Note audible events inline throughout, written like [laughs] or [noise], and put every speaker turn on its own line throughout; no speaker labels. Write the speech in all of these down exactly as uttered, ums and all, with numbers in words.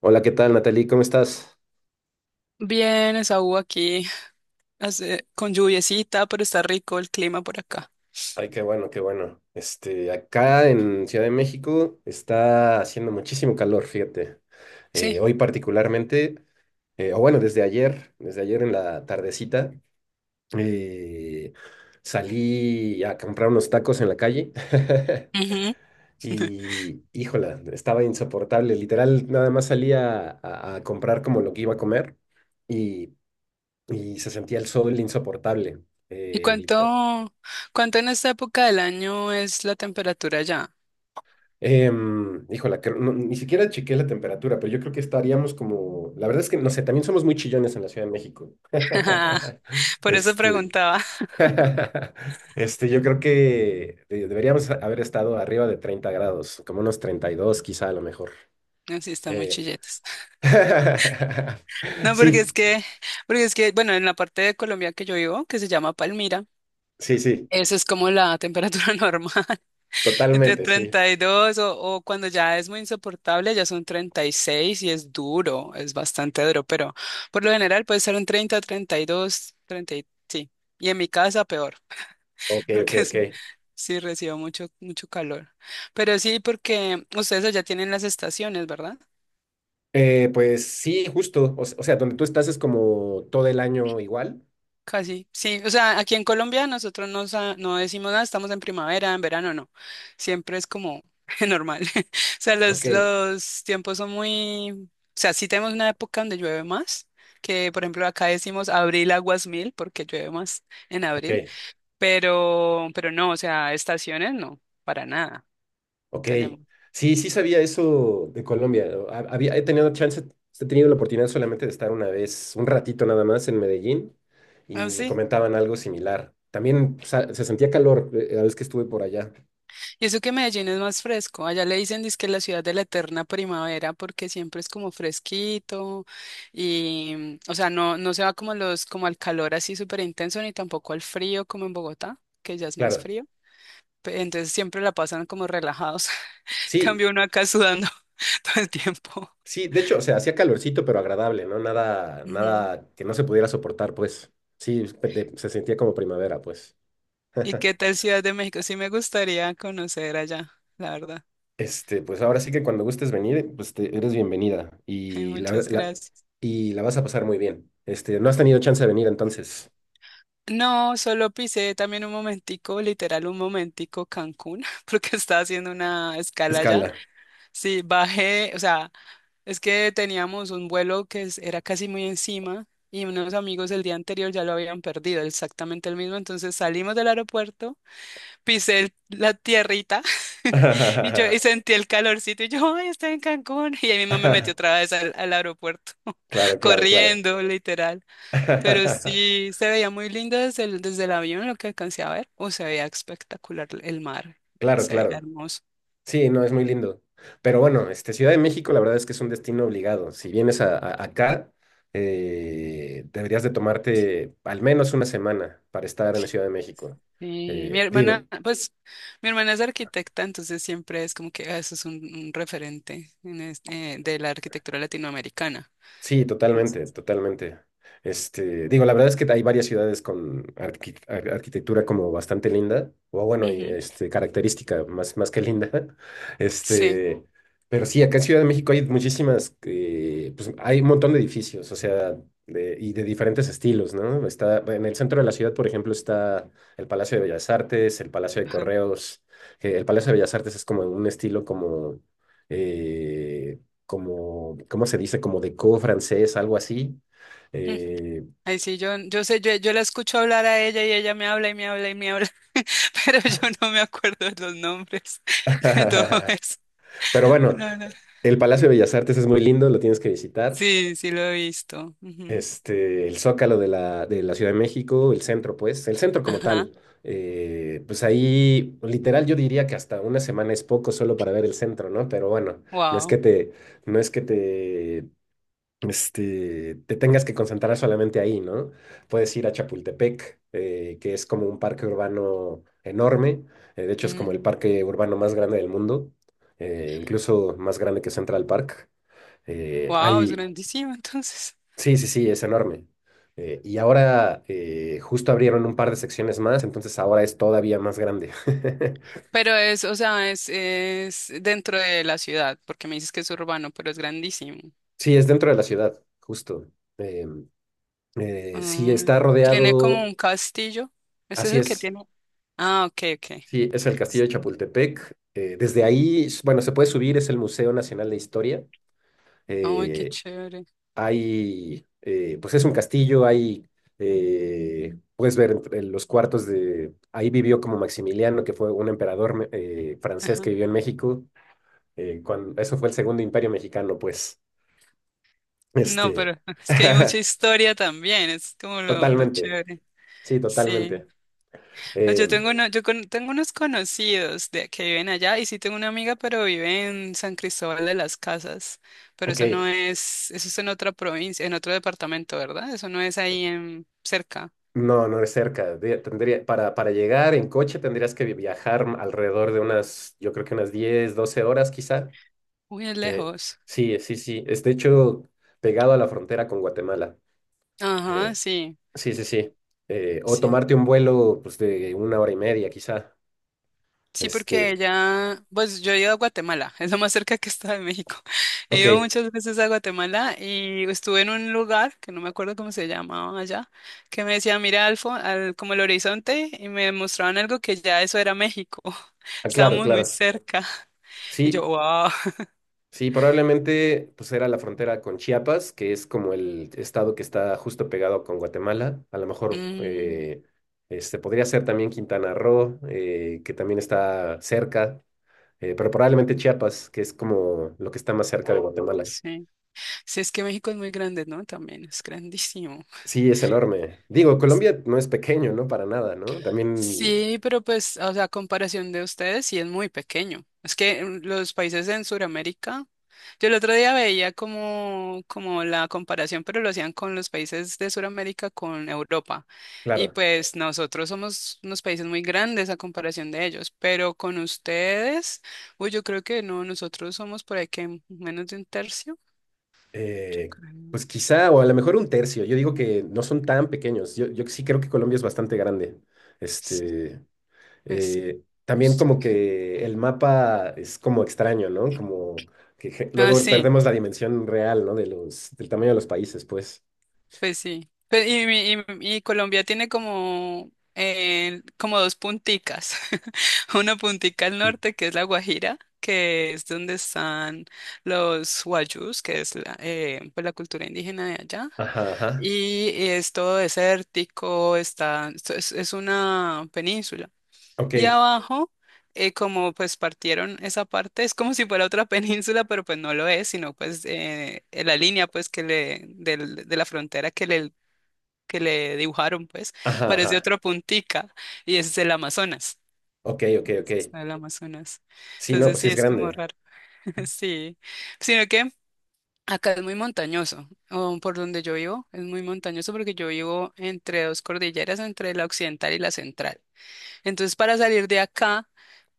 Hola, ¿qué tal, Natalie? ¿Cómo estás?
Bien, Esaú aquí, hace- con lluviecita, pero está rico el clima por acá.
Ay, qué bueno, qué bueno. Este, acá en Ciudad de México está haciendo muchísimo calor, fíjate. Eh,
Sí.
hoy particularmente, eh, o bueno, desde ayer, desde ayer en la tardecita, eh, salí a comprar unos tacos en la calle [laughs]
Ujú.
y, híjola, estaba insoportable. Literal, nada más salía a, a comprar como lo que iba a comer y, y se sentía el sol insoportable.
¿Y
Eh,
cuánto, cuánto en esta época del año es la temperatura ya?
Em, híjola, que no- ni siquiera chequé la temperatura, pero yo creo que estaríamos como, la verdad es que no sé, también somos muy chillones en la Ciudad de México.
[laughs]
[laughs]
Por eso
Este,
preguntaba.
[laughs] este, yo creo que de- deberíamos haber estado arriba de treinta grados, como unos treinta y dos quizá a lo mejor.
Así está muy
Eh,
chilletas.
[laughs]
No, porque es
Sí,
que, porque es que, bueno, en la parte de Colombia que yo vivo, que se llama Palmira,
sí, sí,
esa es como la temperatura [laughs] normal. De
totalmente, sí.
treinta y dos o, o cuando ya es muy insoportable, ya son treinta y seis y es duro, es bastante duro, pero por lo general puede ser un treinta, treinta y dos, treinta, y- sí. Y en mi casa peor,
Ok,
[laughs]
ok,
porque es,
ok.
sí recibo mucho, mucho calor. Pero sí, porque ustedes ya tienen las estaciones, ¿verdad?
Eh, pues sí, justo, o, s- o sea, donde tú estás es como todo el año igual.
Casi, sí. O sea, aquí en Colombia nosotros no, sa- no decimos nada, estamos en primavera, en verano, no. Siempre es como [laughs] normal. [laughs] O sea, los,
Ok,
los tiempos son muy... O sea, sí tenemos una época donde llueve más, que por ejemplo acá decimos abril aguas mil, porque llueve más en abril,
ok.
pero, pero no, o sea, estaciones no, para nada, no
Ok,
tenemos.
sí, sí sabía eso de Colombia, ¿no? Ha- Había, he tenido chance, he tenido la oportunidad solamente de estar una vez, un ratito nada más en Medellín
¿Ah,
y me
sí?
comentaban algo similar. También sa- se sentía calor eh, la vez que estuve por allá.
Y eso que Medellín es más fresco. Allá le dicen que la ciudad de la eterna primavera porque siempre es como fresquito y, o sea, no, no se va como los, como al calor así súper intenso ni tampoco al frío como en Bogotá, que ya es más
Claro,
frío. Pe- Entonces siempre la pasan como relajados. [laughs]
sí,
Cambio uno acá sudando [laughs] todo el tiempo.
sí, de hecho, o sea, hacía calorcito pero agradable, ¿no? Nada,
Ujú.
nada que no se pudiera soportar, pues. Sí, de- se sentía como primavera, pues.
¿Y
[laughs]
qué tal Ciudad de México? Sí me gustaría conocer allá, la verdad.
Este, pues ahora sí que cuando gustes venir, pues te- eres bienvenida
[laughs]
y la,
Muchas
la-
gracias.
y la vas a pasar muy bien. Este, no has tenido chance de venir entonces.
No, solo pisé también un momentico, literal un momentico Cancún, [laughs] porque estaba haciendo una escala allá.
Escala.
Sí, bajé, o sea, es que teníamos un vuelo que es- era casi muy encima y unos amigos el día anterior ya lo habían perdido, exactamente el mismo. Entonces salimos del aeropuerto, pisé el- la tierrita [laughs] y yo y
[laughs]
sentí el calorcito y yo, ay, estoy en Cancún. [laughs] Y ahí mismo me metí otra vez al, al aeropuerto, [laughs]
Claro, claro, claro.
corriendo, literal. Pero
[laughs]
sí, se veía muy lindo desde el, desde el avión lo que alcancé a ver. O se veía espectacular el mar,
Claro,
se veía
claro.
hermoso.
Sí, no, es muy lindo. Pero bueno, este, Ciudad de México, la verdad es que es un destino obligado. Si vienes a, a- acá, eh, deberías de tomarte al menos una semana para estar en la Ciudad de México.
Sí, mi
Eh,
hermana,
digo,
pues mi hermana es arquitecta, entonces siempre es como que ah, eso es un, un referente en este- eh, de la arquitectura latinoamericana.
sí, totalmente,
Entonces,
totalmente. Este, digo, la verdad es que hay varias ciudades con arqui- ar- arquitectura como bastante linda, o bueno, y,
ujú,
este, característica más, más que linda. [laughs]
sí,
Este, pero sí, acá en Ciudad de México hay muchísimas, eh, pues hay un montón de edificios, o sea, de- y de diferentes estilos, ¿no? Está, en el centro de la ciudad, por ejemplo, está el Palacio de Bellas Artes, el Palacio de
ajá.
Correos. Que el Palacio de Bellas Artes es como un estilo como... eh, como, ¿cómo se dice? Como de co-francés, algo así.
Mm.
Eh,
Ahí sí, yo, yo sé, yo, yo la escucho hablar a ella y ella me habla y me habla y me habla, [laughs] pero yo no me acuerdo de los nombres [laughs] de todo
[laughs]
eso.
Pero bueno,
No, no.
el Palacio de Bellas Artes es muy lindo, lo tienes que visitar.
Sí, sí lo he visto. Ujú.
Este, el Zócalo de la, de la Ciudad de México, el centro, pues, el centro como
Ajá,
tal. Eh, pues ahí, literal, yo diría que hasta una semana es poco solo para ver el centro, ¿no? Pero bueno, no es que
wow.
te, no es que te este, te tengas que concentrar solamente ahí, ¿no? Puedes ir a Chapultepec, eh, que es como un parque urbano enorme, eh, de hecho es como el parque urbano más grande del mundo, eh, incluso más grande que Central Park. Eh,
Wow, es
hay,
grandísima [laughs] entonces.
sí, sí, sí, es enorme. Eh, y ahora eh, justo abrieron un par de secciones más, entonces ahora es todavía más grande. [laughs]
Pero es, o sea, es, es dentro de la ciudad, porque me dices que es urbano, pero es grandísimo.
Sí, es dentro de la ciudad, justo. Em, eh, sí,
Ay,
está
tiene como
rodeado,
un castillo. Ese es
así
el que
es.
tiene. Ah, ok, ok.
Sí, es el Castillo de
Mm.
Chapultepec. Eh, desde ahí, s- bueno, se puede subir, es el Museo Nacional de Historia.
Ay, qué
Eh,
chévere.
hay, eh, pues es un castillo, hay, eh, puedes ver entre los cuartos de, ahí vivió como Maximiliano, que fue un emperador me- eh, francés que
Ajá.
vivió en México. eh, cuando, eso fue el segundo imperio mexicano, pues.
No, pero
Este,
[laughs] es que hay mucha
[laughs]
historia también, es como lo, lo
totalmente,
chévere.
sí,
Sí.
totalmente.
Pues
Eh,
Yo tengo, uno- yo con- tengo unos conocidos de, que viven allá y sí tengo una amiga, pero vive en San Cristóbal de las Casas. Pero
ok,
eso no es, eso es en otra provincia, en otro departamento, ¿verdad? Eso no es ahí en cerca.
No, no es cerca. de- Tendría, para, para llegar en coche tendrías que viajar alrededor de unas, yo creo que unas diez, doce horas quizá.
Uy, es
Eh,
lejos.
sí, sí, sí. Es de hecho pegado a la frontera con Guatemala. Eh,
Ajá, sí,
sí, sí, sí. Eh, o
sí.
tomarte un vuelo pues, de una hora y media quizá.
Sí, porque
Este,
ella, pues yo he ido a Guatemala, [laughs] es lo más cerca que está de México. [laughs] He
ok,
ido muchas veces a Guatemala y estuve en un lugar que no me acuerdo cómo se llamaba allá, que me decía, mira al, fo- al- como el horizonte y me mostraban algo que ya eso era México. [laughs]
ah, claro,
Estábamos muy
claro.
cerca. Y yo,
Sí,
wow. [laughs]
sí, probablemente pues era la frontera con Chiapas, que es como el estado que está justo pegado con Guatemala. A lo mejor
Mm,
eh, este, podría ser también Quintana Roo, eh, que también está cerca, eh, pero probablemente
ok,
Chiapas, que es como lo que está más cerca de Guatemala.
sí. Sí, es que México es muy grande, ¿no? También es grandísimo.
Sí, es enorme. Digo, Colombia no es pequeño, ¿no? Para nada, ¿no? También,
Sí, pero pues, o sea, a comparación de ustedes, sí es muy pequeño. Es que mm, los países en Sudamérica, yo el otro día veía como, como la comparación, pero lo hacían con los países de Sudamérica con Europa. Y
claro,
pues nosotros somos unos países muy grandes a comparación de ellos, pero con ustedes, uy, yo creo que no, nosotros somos por ahí que menos de un tercio, yo
eh,
creo.
pues quizá, o a lo mejor un tercio. Yo digo que no son tan pequeños. Yo, yo sí creo que Colombia es bastante grande.
Sí,
Este.
pues sí,
Eh,
no
también
sé.
como que el mapa es como extraño, ¿no? Como que je-
Ah,
luego
sí.
perdemos la dimensión real, ¿no? De los, del tamaño de los países, pues.
Pues sí. Pe- y, mi- y- y Colombia tiene como, eh, como dos punticas. [laughs] Una puntica al
Mm.
norte, que es la Guajira, que es donde están los guayús, que es la, eh, pues la cultura indígena de allá.
Ajá, ajá.
Y es todo desértico, está, esto es, es una península.
Ok.
Y abajo, eh, como pues partieron esa parte, es como si fuera otra [laughs] península, pero pues no lo es, sino pues eh, la línea pues que le, del- de la frontera que le que le dibujaron, pues,
Ajá,
parecía
ajá.
otra puntica y ese es el Amazonas.
Ok, ok,
Entonces,
ok.
está el Amazonas.
Sí, no,
Entonces
pues sí
sí,
es
es como
grande.
raro. [laughs] Sí. Sino que acá es muy montañoso, o por donde yo vivo, es muy montañoso porque yo vivo entre dos cordilleras, entre la occidental y la central. Entonces, para salir de acá,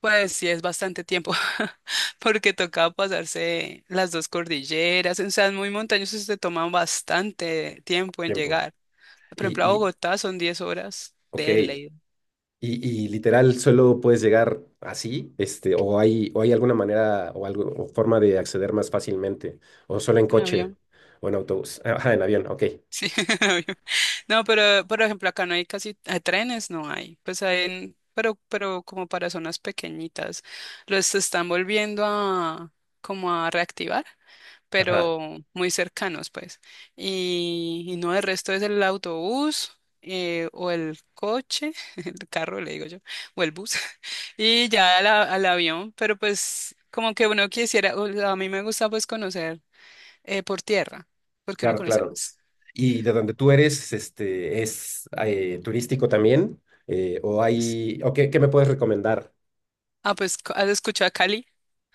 pues sí es bastante tiempo, [laughs] porque toca pasarse las dos cordilleras, o sea, es muy montañoso, se toma bastante tiempo en
Tiempo.
llegar. Por
Y,
ejemplo, a
y,
Bogotá son diez horas
ok.
de ley.
Y, y literal, solo puedes llegar así, este, o hay, o hay alguna manera o algo, o forma de acceder más fácilmente, o solo en
En
coche,
avión.
o en autobús. Ajá, en avión, ok.
Sí, [laughs] en avión. No, pero por ejemplo, acá no hay casi eh, trenes, no hay. Pues hay, en- pero, pero como para zonas pequeñitas. Los están volviendo a como a reactivar.
Ajá.
Pero muy cercanos, pues. Y, y no, el resto es el autobús eh, o el coche, [laughs] el carro, le digo yo, o el bus, [laughs] y ya al, a- al avión, pero pues como que uno quisiera, o sea, a mí me gusta pues conocer eh, por tierra, porque uno
Claro,
conoce
claro.
más.
¿Y de donde tú eres, este, es eh, turístico también? Eh, ¿o
Sí.
hay, o qué, qué me puedes recomendar?
Ah, pues, ¿has escuchado a Cali?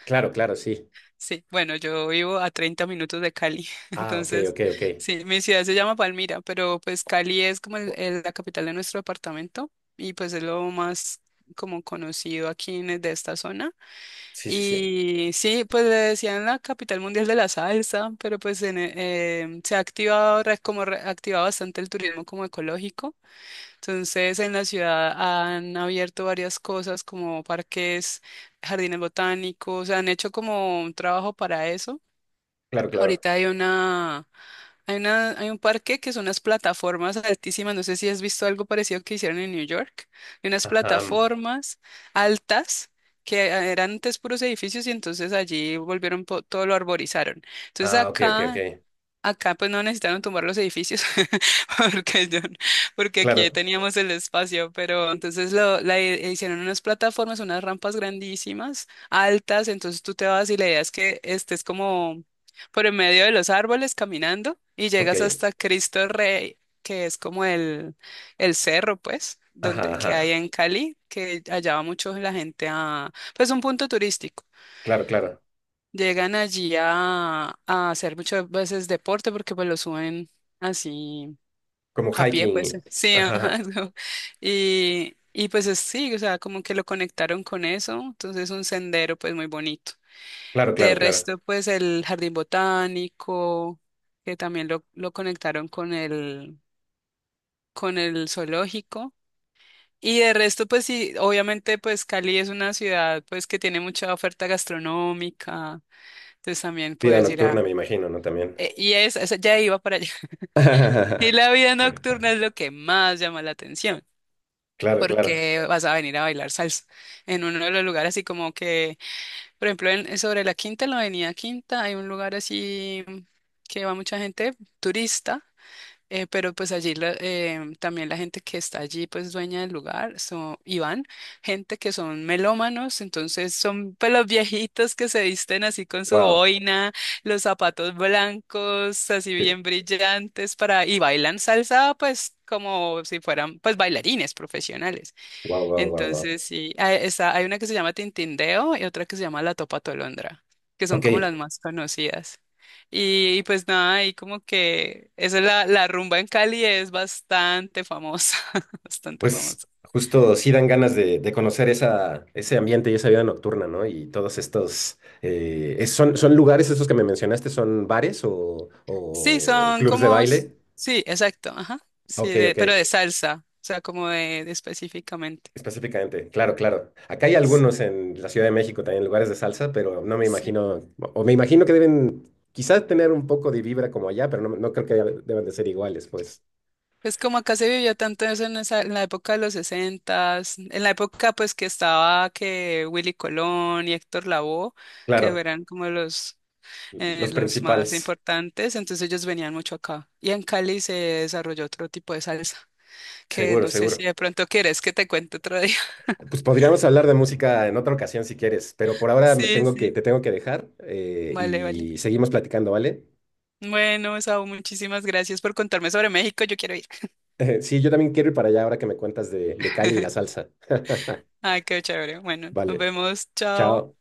Claro, claro, sí.
Sí, bueno, yo vivo a treinta minutos de Cali, [laughs]
Ah, ok,
entonces,
ok, ok.
sí, mi ciudad se llama Palmira, pero pues Cali es como el- el- la capital de nuestro departamento y pues es lo más como conocido aquí en, e, de esta zona.
Sí, sí, sí.
Y sí, pues le decían la capital mundial de la salsa, pero pues en, eh, em, se ha activado, re- como re- ha activado bastante el turismo como ecológico. Entonces, en la ciudad han abierto varias cosas como parques, jardines botánicos, han hecho como un trabajo para eso.
Claro, claro.
Ahorita hay una, hay una, hay un parque que son unas plataformas altísimas, no sé si has visto algo parecido que hicieron en New York, de unas
Ajá.
plataformas altas que eran antes puros edificios y entonces allí volvieron, po- todo lo arborizaron. Entonces
Ah, ok, ok, ok.
acá Acá pues no necesitaron tumbar los edificios [laughs] porque, yo- porque aquí ya
Claro,
teníamos el espacio, pero entonces lo, la i- hicieron unas plataformas, unas rampas grandísimas, altas, entonces tú te vas y la idea es que estés como por en medio de los árboles caminando y llegas
ok.
hasta Cristo Rey, que es como el, el cerro pues, donde,
Ajá,
que hay
ajá.
en Cali, que allá va mucho la gente a, pues un punto turístico.
Claro, claro.
Llegan allí a, a hacer muchas veces deporte porque pues lo suben así
Como
a pie,
hiking.
pues [laughs]
y-
sí,
Ajá,
ajá,
ajá.
es como- Y, y pues es- sí, o sea, como que lo conectaron con eso, entonces un sendero pues muy bonito.
Claro,
De
claro, claro.
resto, pues el jardín botánico, que también lo, lo conectaron con el, con el zoológico. Y de resto, pues sí, obviamente pues Cali es una ciudad pues que tiene mucha oferta gastronómica, entonces también
Vida
puedes ir
nocturna, me
a...
imagino, ¿no? También.
Eh, Y es, eso ya iba para allá. [laughs] Y
[laughs]
la vida nocturna es lo que más llama la atención,
Claro, claro.
porque vas a venir a bailar salsa en uno de los lugares así como que, por ejemplo, en, sobre la Quinta, en la Avenida Quinta, hay un lugar así que va mucha gente turista eh, pero pues allí la- eh, también la gente que está allí, pues dueña del lugar, son, y van, gente que son melómanos, entonces son pues, los viejitos que se visten así con su
Wow.
boina, los zapatos blancos, así bien brillantes para, y bailan salsa pues como si fueran pues bailarines profesionales.
Wow, wow, wow, wow.
Entonces, sí, hay, está, hay una que se llama Tintindeo y otra que se llama La Topa Tolondra, que son
Ok,
como las más conocidas. Y, y pues nada, ahí como que esa es la, la rumba en Cali es bastante famosa, [laughs] bastante
pues
famosa.
justo sí dan ganas de, de conocer esa, ese ambiente y esa vida nocturna, ¿no? Y todos estos, eh, es- son, ¿son lugares esos que me mencionaste? ¿Son bares o,
Sí,
o
son
clubs de
como, s-
baile?
sí, exacto, ajá, sí,
Ok,
de,
ok,
pero de salsa, o sea, como de, de específicamente.
específicamente, claro, claro. Acá hay
Sí,
algunos en la Ciudad de México también, lugares de salsa, pero no me
sí.
imagino, o me imagino que deben quizás tener un poco de vibra como allá, pero no, no creo que deban de ser iguales, pues.
Pues como acá se vivió tanto eso en esa, en la época de los sesentas, en la época pues que estaba que Willy Colón y Héctor Lavoe, que
Claro,
eran como los, eh,
los
los más
principales,
importantes, entonces ellos venían mucho acá. Y en Cali se desarrolló otro tipo de salsa, que
seguro,
no sé si
seguro.
de pronto quieres que te cuente otro día. [laughs]
Pues podríamos hablar de música en otra ocasión si quieres, pero por ahora me
Sí,
tengo que,
sí.
te tengo que dejar eh,
Vale, vale.
y seguimos platicando, ¿vale?
Bueno, Saúl, muchísimas gracias por contarme sobre México, yo quiero ir. [laughs]
[laughs] Sí, yo también quiero ir para allá ahora que me cuentas de, de Cali y la salsa.
Ay, qué chévere. Bueno, nos
Vale,
vemos, chao.
chao.